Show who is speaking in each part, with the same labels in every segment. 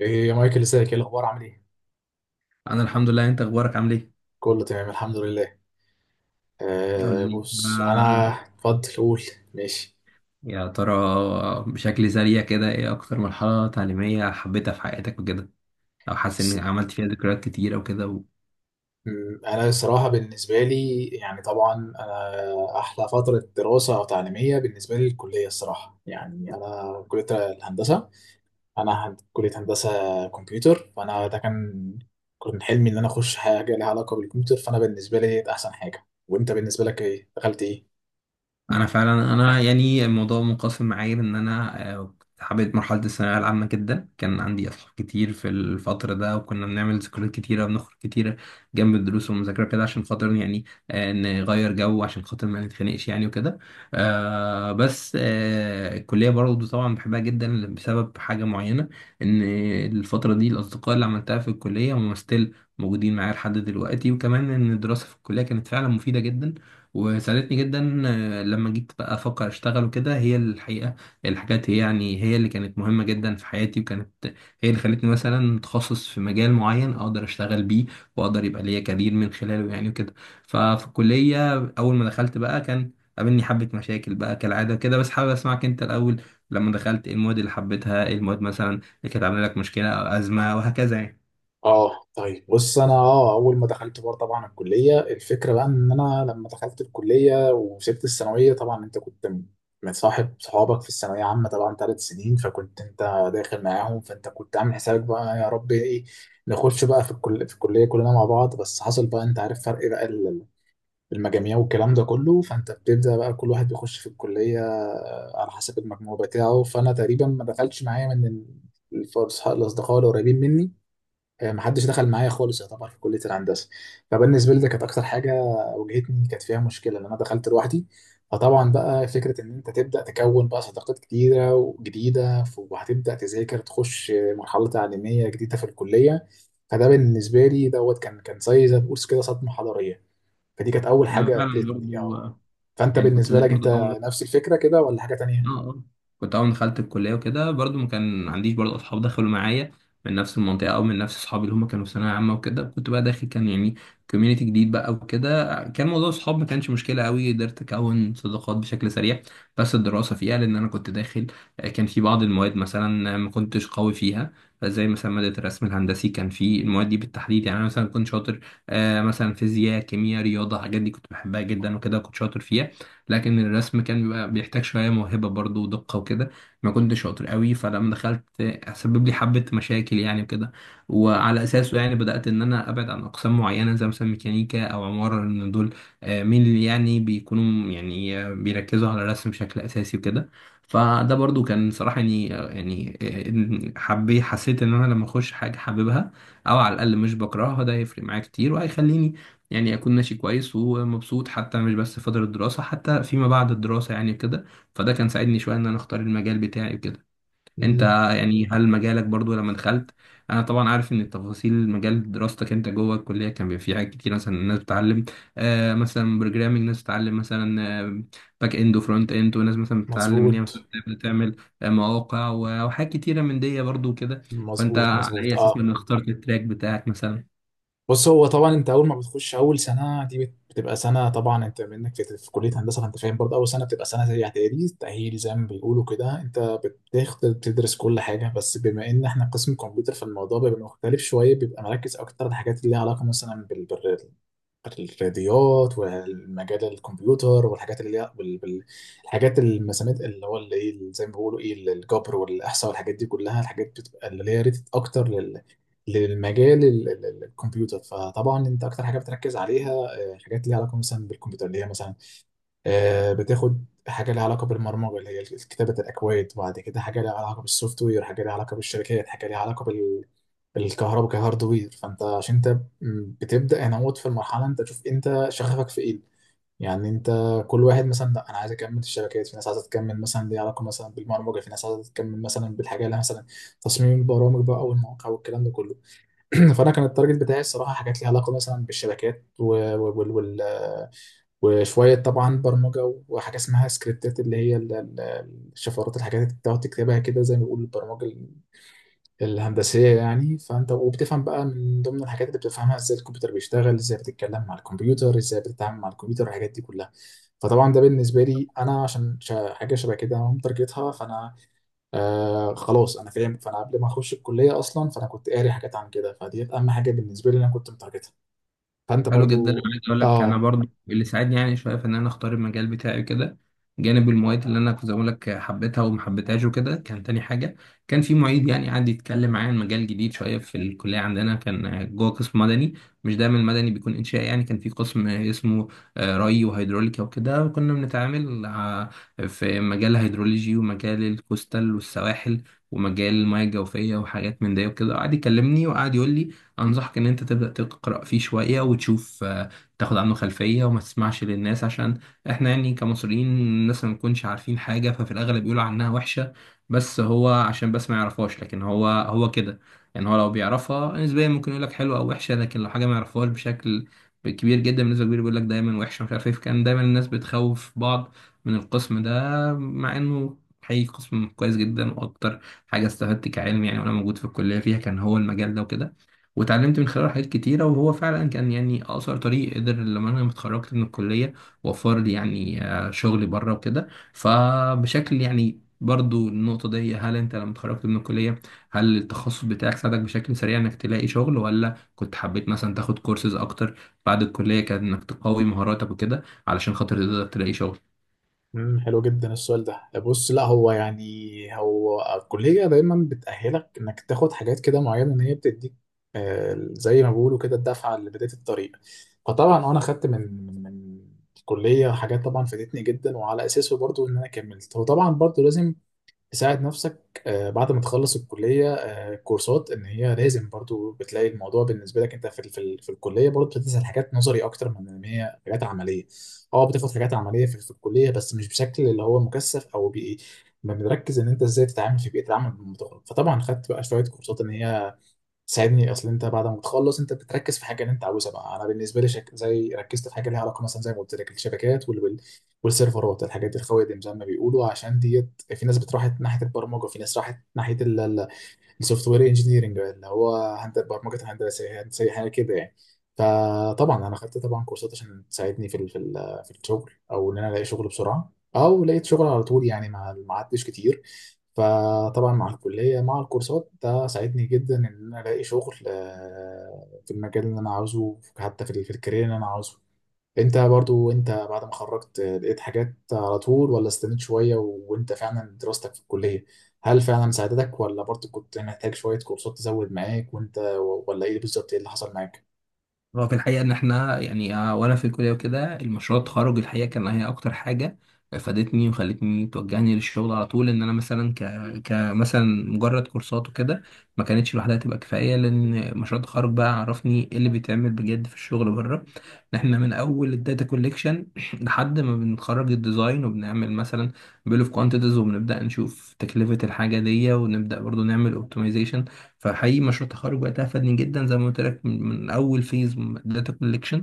Speaker 1: ايه يا مايكل، ازيك؟ ايه الاخبار؟ عامل ايه؟
Speaker 2: انا الحمد لله. انت اخبارك عامل ايه؟
Speaker 1: كله تمام الحمد لله.
Speaker 2: قول
Speaker 1: آه،
Speaker 2: لي
Speaker 1: بص انا
Speaker 2: بقى،
Speaker 1: اتفضل قول. ماشي.
Speaker 2: يا ترى بشكل سريع كده ايه اكتر مرحله تعليميه حبيتها في حياتك وكده، او حاسس ان
Speaker 1: س-
Speaker 2: عملت فيها ذكريات كتير او كده؟
Speaker 1: انا الصراحه بالنسبه لي يعني طبعا. انا احلى فتره دراسه او تعليميه بالنسبه لي الكليه الصراحه يعني، انا كليه الهندسه. انا كليه هندسه كمبيوتر، فانا ده كان حلمي ان انا اخش حاجه لها علاقه بالكمبيوتر، فانا بالنسبه لي ده احسن حاجه. وانت بالنسبه لك ايه؟ دخلت ايه؟
Speaker 2: انا فعلا يعني الموضوع منقسم معايا ان انا كنت حبيت مرحله الثانويه العامه جدا. كان عندي اصحاب كتير في الفتره ده وكنا بنعمل ذكريات كتيره، بنخرج كتيره جنب الدروس والمذاكره كده عشان خاطر نغير جو، عشان خاطر ما نتخانقش يعني وكده. بس الكليه برضه طبعا بحبها جدا بسبب حاجه معينه، ان الفتره دي الاصدقاء اللي عملتها في الكليه هم ستيل موجودين معايا لحد دلوقتي، وكمان ان الدراسه في الكليه كانت فعلا مفيده جدا وساعدتني جدا. لما جيت بقى افكر اشتغل وكده، هي الحقيقه الحاجات هي اللي كانت مهمه جدا في حياتي، وكانت هي اللي خلتني مثلا متخصص في مجال معين اقدر اشتغل بيه، واقدر يبقى ليا كارير من خلاله يعني وكده. ففي الكليه اول ما دخلت بقى، كان قابلني حبه مشاكل بقى كالعاده كده، بس حابب اسمعك انت الاول. لما دخلت ايه المواد اللي حبيتها، ايه المواد مثلا اللي كانت عامله لك مشكله او ازمه وهكذا يعني؟
Speaker 1: اه طيب بص انا اه اول ما دخلت بار طبعا الكليه، الفكره بقى ان انا لما دخلت الكليه وسبت الثانويه طبعا انت كنت متصاحب صحابك في الثانويه عامه طبعا 3 سنين، فكنت انت داخل معاهم، فانت كنت عامل حسابك بقى يا رب ايه نخش بقى في في الكليه كلنا مع بعض. بس حصل بقى انت عارف فرق بقى المجاميع والكلام ده كله، فانت بتبدا بقى كل واحد بيخش في الكليه على حسب المجموع بتاعه. فانا تقريبا ما دخلتش معايا من الاصدقاء القريبين مني. محدش دخل معايا خالص يعتبر في كلية الهندسة. فبالنسبة لي ده كانت أكتر حاجة واجهتني، كانت فيها مشكلة لأن أنا دخلت لوحدي. فطبعا بقى فكرة إن أنت تبدأ تكون بقى صداقات كتيرة وجديدة وهتبدأ تذاكر تخش مرحلة تعليمية جديدة في الكلية. فده بالنسبة لي دوت كان زي ما تقول كده صدمة حضارية. فدي كانت أول
Speaker 2: انا
Speaker 1: حاجة
Speaker 2: فعلا
Speaker 1: قابلتني
Speaker 2: برضو آه،
Speaker 1: فأنت
Speaker 2: يعني كنت
Speaker 1: بالنسبة
Speaker 2: زي
Speaker 1: لك
Speaker 2: برضو
Speaker 1: أنت
Speaker 2: اول
Speaker 1: نفس الفكرة كده ولا حاجة
Speaker 2: اه
Speaker 1: تانية؟
Speaker 2: اه كنت اول ما دخلت الكليه وكده برضو ما كان عنديش برضو اصحاب دخلوا معايا من نفس المنطقه او من نفس اصحابي اللي هم كانوا في ثانويه عامه وكده. كنت بقى داخل كان يعني كوميونتي جديد بقى وكده. كان موضوع الصحاب ما كانش مشكله قوي، قدرت اكون صداقات بشكل سريع. بس الدراسه فيها، لان انا كنت داخل، كان في بعض المواد مثلا ما كنتش قوي فيها، زي مثلا ماده الرسم الهندسي. كان في المواد دي بالتحديد يعني انا مثلا كنت شاطر. مثلا فيزياء، كيمياء، رياضه، الحاجات دي كنت بحبها جدا وكده كنت شاطر فيها، لكن الرسم كان بيبقى بيحتاج شوية موهبة برضو ودقة وكده، ما كنتش شاطر قوي. فلما دخلت، سبب لي حبة مشاكل يعني وكده، وعلى أساسه يعني بدأت إن أنا أبعد عن أقسام معينة زي مثلا ميكانيكا أو عمارة، لأن دول آه، مين اللي يعني بيكونوا يعني آه، بيركزوا على الرسم بشكل أساسي وكده. فده برضو كان صراحة يعني آه، يعني آه، حبي حسيت إن أنا لما أخش حاجة حاببها أو على الأقل مش بكرهها، ده هيفرق معايا كتير وهيخليني يعني أكون ماشي كويس ومبسوط، حتى مش بس في فترة الدراسة، حتى فيما بعد الدراسة يعني كده. فده كان ساعدني شوية إن أنا أختار المجال بتاعي وكده. أنت
Speaker 1: مم.
Speaker 2: يعني هل مجالك برضو لما دخلت، أنا طبعا عارف إن التفاصيل مجال دراستك أنت جوه الكلية كان بيبقى فيه حاجات كتير، مثلا الناس بتتعلم مثلا بروجرامينج، ناس بتتعلم مثلا باك إند وفرونت إند، وناس مثلا بتتعلم إن هي مثلا
Speaker 1: مظبوط
Speaker 2: تبدأ تعمل مواقع وحاجات كتيرة من دي برضو كده. فأنت
Speaker 1: مظبوط
Speaker 2: على أي
Speaker 1: مظبوط،
Speaker 2: أساس
Speaker 1: اه.
Speaker 2: من اخترت التراك بتاعك مثلا؟
Speaker 1: بص هو طبعا انت اول ما بتخش اول سنه دي بتبقى سنه. طبعا انت منك في كليه هندسه، فانت فاهم برضه اول سنه بتبقى سنه زي اعدادي تاهيل زي ما بيقولوا كده، انت بتاخد تدرس كل حاجه. بس بما ان احنا قسم كمبيوتر فالموضوع بيبقى مختلف شويه، بيبقى مركز اكتر على الحاجات اللي ليها علاقه مثلا الرياضيات والمجال الكمبيوتر والحاجات اللي هي الحاجات المسامات اللي هو اللي ايه زي ما بيقولوا ايه الجبر والاحصاء والحاجات دي كلها. الحاجات بتبقى اللي هي ريتد اكتر لل للمجال الكمبيوتر. فطبعا انت اكتر حاجه بتركز عليها حاجات ليها علاقه مثلا بالكمبيوتر اللي هي مثلا بتاخد حاجه ليها علاقه بالبرمجه اللي هي كتابه الاكواد، وبعد كده حاجه ليها علاقه بالسوفت وير، حاجه ليها علاقه بالشركات، حاجه ليها علاقه بال بالكهرباء كهاردوير. فانت عشان انت بتبدا هنا موت في المرحله انت تشوف انت شغفك في ايه يعني. انت كل واحد مثلا لا انا عايز اكمل الشبكات، في ناس عايزه تكمل مثلا ليها علاقه مثلا بالبرمجه، في ناس عايزه تكمل مثلا بالحاجه اللي مثلا تصميم البرامج بقى والمواقع والكلام ده كله. فانا كان التارجت بتاعي الصراحه حاجات ليها علاقه مثلا بالشبكات وال- وال- وشوية طبعا برمجة، وحاجة اسمها سكريبتات اللي هي الشفرات، الحاجات اللي بتقعد تكتبها كده زي ما بيقولوا البرمجة الهندسية يعني. فأنت وبتفهم بقى من ضمن الحاجات اللي بتفهمها ازاي الكمبيوتر بيشتغل، ازاي بتتكلم مع الكمبيوتر، ازاي بتتعامل مع الكمبيوتر الحاجات دي كلها. فطبعا ده بالنسبة لي أنا عشان حاجة شبه كده أنا مترجتها. فأنا آه خلاص أنا فاهم، فأنا قبل ما أخش الكلية أصلا فأنا كنت قاري حاجات عن كده، فدي أهم حاجة بالنسبة لي أنا كنت مترجتها. فأنت
Speaker 2: حلو جدا. انا
Speaker 1: برضو
Speaker 2: عايز اقول لك انا
Speaker 1: آه.
Speaker 2: برضو اللي ساعدني يعني شويه في ان انا اختار المجال بتاعي كده، جانب المواد اللي انا كنت بقول لك حبيتها وما حبيتهاش وكده، كان تاني حاجه كان في معيد يعني قعد يتكلم معايا عن مجال جديد شويه في الكليه عندنا. كان جوه قسم مدني، مش دايما المدني بيكون انشائي يعني. كان في قسم اسمه ري وهيدروليكا وكده، وكنا بنتعامل في مجال الهيدرولوجي ومجال الكوستال والسواحل ومجال المياه الجوفيه وحاجات من ده وكده. قعد يكلمني وقعد يقول لي انصحك ان انت تبدا تقرا فيه شويه وتشوف، تاخد عنه خلفيه وما تسمعش للناس، عشان احنا يعني كمصريين الناس ما بنكونش عارفين حاجه، ففي الاغلب بيقولوا عنها وحشه بس هو عشان بس ما يعرفهاش. لكن هو هو كده يعني، هو لو بيعرفها نسبيا ممكن يقول لك حلوه او وحشه، لكن لو حاجه ما يعرفهاش بشكل كبير جدا بالنسبه كبير بيقول لك دايما وحشه مش عارف ايه. فكان دايما الناس بتخوف بعض من القسم ده، مع انه حقيقي قسم كويس جدا. واكتر حاجه استفدت كعلم يعني وانا موجود في الكليه فيها، كان هو المجال ده وكده، واتعلمت من خلاله حاجات كتيرة. وهو فعلا كان يعني أقصر طريق قدر لما أنا اتخرجت من الكلية وفر لي يعني شغل بره وكده. فبشكل يعني برضو النقطة دي، هل أنت لما اتخرجت من الكلية هل التخصص بتاعك ساعدك بشكل سريع إنك تلاقي شغل، ولا كنت حبيت مثلا تاخد كورسز أكتر بعد الكلية كان إنك تقوي مهاراتك وكده علشان خاطر تقدر تلاقي شغل؟
Speaker 1: امم، حلو جدا السؤال ده. بص لا هو يعني هو الكلية دايما بتأهلك انك تاخد حاجات كده معينة ان هي بتديك زي ما بيقولوا كده الدفعة لبداية الطريق. فطبعا انا خدت من الكلية حاجات طبعا فادتني جدا، وعلى اساسه برضو ان انا كملت. وطبعا برضو لازم تساعد نفسك بعد ما تخلص الكلية كورسات ان هي لازم. برضو بتلاقي الموضوع بالنسبة لك انت في في الكلية برضو بتدرس حاجات نظري اكتر من ان هي حاجات عملية. اه بتاخد حاجات عملية في الكلية بس مش بشكل اللي هو مكثف او بيئي. ما بنركز ان انت ازاي تتعامل في بيئة العمل بالمطور. فطبعا خدت بقى شوية كورسات ان هي ساعدني. اصل انت بعد ما تخلص انت بتركز في حاجه اللي انت عاوزها بقى. انا بالنسبه لي زي ركزت في حاجه ليها علاقه مثلا زي ما قلت لك الشبكات والسيرفرات الحاجات الخوادم زي ما بيقولوا. عشان ديت في ناس بتروح ناحيه البرمجه، في ناس راحت ناحيه السوفت وير انجينيرنج اللي هو برمجه الهندسه هندسه حاجه كده يعني. فطبعا انا خدت طبعا كورسات عشان تساعدني في في الشغل، او ان انا الاقي شغل بسرعه، او لقيت شغل على طول يعني ما عدتش كتير. فطبعا مع الكليه مع الكورسات ده ساعدني جدا ان انا الاقي شغل في المجال اللي انا عاوزه، حتى في في الكارير اللي انا عاوزه. انت برضو انت بعد ما خرجت لقيت حاجات على طول ولا استنيت شوية، وانت فعلا دراستك في الكلية هل فعلا ساعدتك ولا برضو كنت محتاج شوية كورسات تزود معاك؟ وانت ولا ايه بالظبط ايه اللي حصل معاك؟
Speaker 2: هو في الحقيقة إن إحنا يعني، وأنا في الكلية وكده، المشروع التخرج الحقيقة كان هي أكتر حاجة فادتني وخلتني توجهني للشغل على طول. إن أنا مثلا كمثلا مجرد كورسات وكده ما كانتش لوحدها تبقى كفاية، لأن مشروع التخرج بقى عرفني إيه اللي بيتعمل بجد في الشغل بره. إن إحنا من أول الداتا كوليكشن لحد ما بنخرج الديزاين وبنعمل مثلا بيل أوف كوانتيتيز، وبنبدأ نشوف تكلفة الحاجة دي ونبدأ برضو نعمل أوبتمايزيشن. فحقيقي مشروع التخرج وقتها فادني جدا، زي ما قلت لك من اول فيز داتا كولكشن،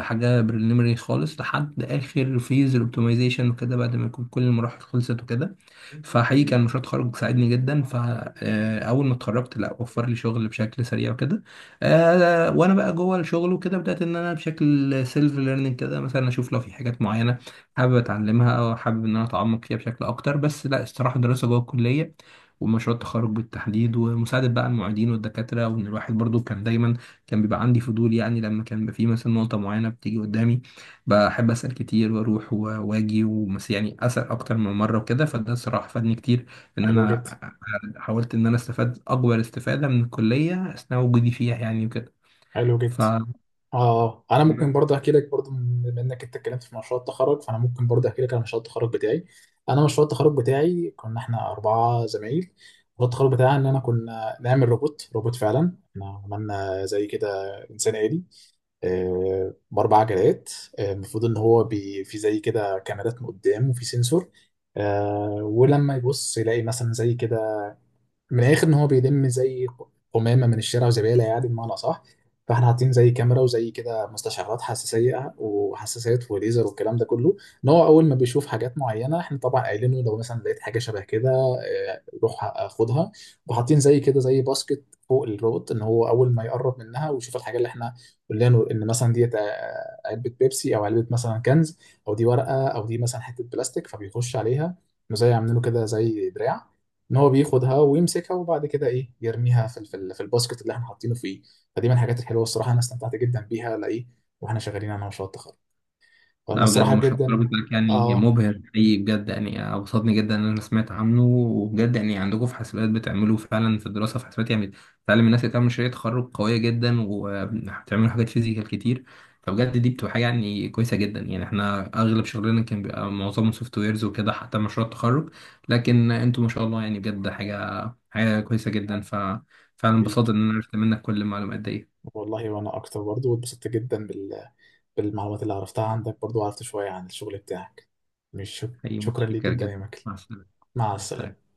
Speaker 2: حاجه بريليمري خالص، لحد اخر فيز الاوبتمايزيشن وكده، بعد ما يكون كل المراحل خلصت وكده. فحقيقي كان مشروع التخرج ساعدني جدا، فأول ما اتخرجت لا وفر لي شغل بشكل سريع وكده. وأنا بقى جوه الشغل وكده بدأت إن أنا بشكل سيلف ليرنينج كده مثلا أشوف لو في حاجات معينة حابب أتعلمها أو حابب إن أنا أتعمق فيها بشكل أكتر. بس لا، الصراحة الدراسة جوه الكلية ومشروع التخرج بالتحديد ومساعدة بقى المعيدين والدكاترة، وإن الواحد برضو كان دايما كان بيبقى عندي فضول يعني، لما كان بيبقى في مثلا نقطة معينة بتيجي قدامي بحب اسال كتير واروح واجي ومس يعني اسال اكتر من مره وكده، فده الصراحه فادني كتير ان
Speaker 1: حلو
Speaker 2: انا
Speaker 1: جدا.
Speaker 2: حاولت ان انا استفاد اكبر استفاده من الكليه اثناء وجودي فيها يعني وكده.
Speaker 1: حلو جدا.
Speaker 2: ف
Speaker 1: اه انا ممكن برضه احكي لك برضه بما انك انت اتكلمت في مشروع التخرج فانا ممكن برضه احكي لك عن مشروع التخرج بتاعي. انا مشروع التخرج بتاعي كنا احنا اربعة زمايل، مشروع التخرج بتاعنا ان انا كنا نعمل روبوت فعلا احنا عملنا زي كده انسان آلي باربع عجلات. المفروض ان هو بي في زي كده كاميرات من قدام وفي سنسور. ولما يبص يلاقي مثلا زي كده من الاخر ان هو بيلم زي قمامه من الشارع وزباله يعني بمعنى صح. فاحنا حاطين زي كاميرا وزي كده مستشعرات حساسيه وحساسات وليزر والكلام ده كله، ان هو اول ما بيشوف حاجات معينه احنا طبعا قايلين له لو مثلا لقيت حاجه شبه كده روح خدها. وحاطين زي كده زي باسكت فوق الروبوت ان هو اول ما يقرب منها ويشوف الحاجه اللي احنا قلنا له ان مثلا ديت علبه بيبسي او علبه مثلا كنز، او دي ورقه، او دي مثلا حته بلاستيك، فبيخش عليها. زي عاملين له كده زي دراع ان هو بياخدها ويمسكها، وبعد كده ايه يرميها في في الباسكت اللي احنا حاطينه فيه. فدي من الحاجات الحلوه الصراحه انا استمتعت جدا بيها لايه واحنا شغالين على مشروع التخرج. فانا
Speaker 2: لا، بجد
Speaker 1: الصراحه
Speaker 2: مشروع التخرج
Speaker 1: جدا
Speaker 2: بتاعك يعني
Speaker 1: اه
Speaker 2: مبهر حقيقي بجد، يعني أبسطني جدا إن أنا سمعت عنه. وبجد يعني عندكم في حاسبات بتعملوا فعلا في الدراسة في حاسبات يعني بتعلم الناس اللي تعمل مشاريع تخرج قوية جدا، وبتعملوا حاجات فيزيكال كتير، فبجد دي بتبقى حاجة كويسة جدا. يعني إحنا أغلب شغلنا كان بيبقى معظمه سوفت ويرز وكده حتى مشروع التخرج، لكن أنتوا ما شاء الله يعني بجد حاجة كويسة جدا. ففعلا انبسطت
Speaker 1: حبيبي.
Speaker 2: إن أنا عرفت منك كل المعلومات دي.
Speaker 1: والله وانا اكتر برضو واتبسطت جدا بالمعلومات اللي عرفتها عندك، برضو عرفت شويه عن الشغل بتاعك. مش
Speaker 2: حقيقي
Speaker 1: شكرا ليك
Speaker 2: متشكر
Speaker 1: جدا يا
Speaker 2: جدا،
Speaker 1: مكل.
Speaker 2: مع السلامة.
Speaker 1: مع
Speaker 2: مع
Speaker 1: السلامه
Speaker 2: السلامة.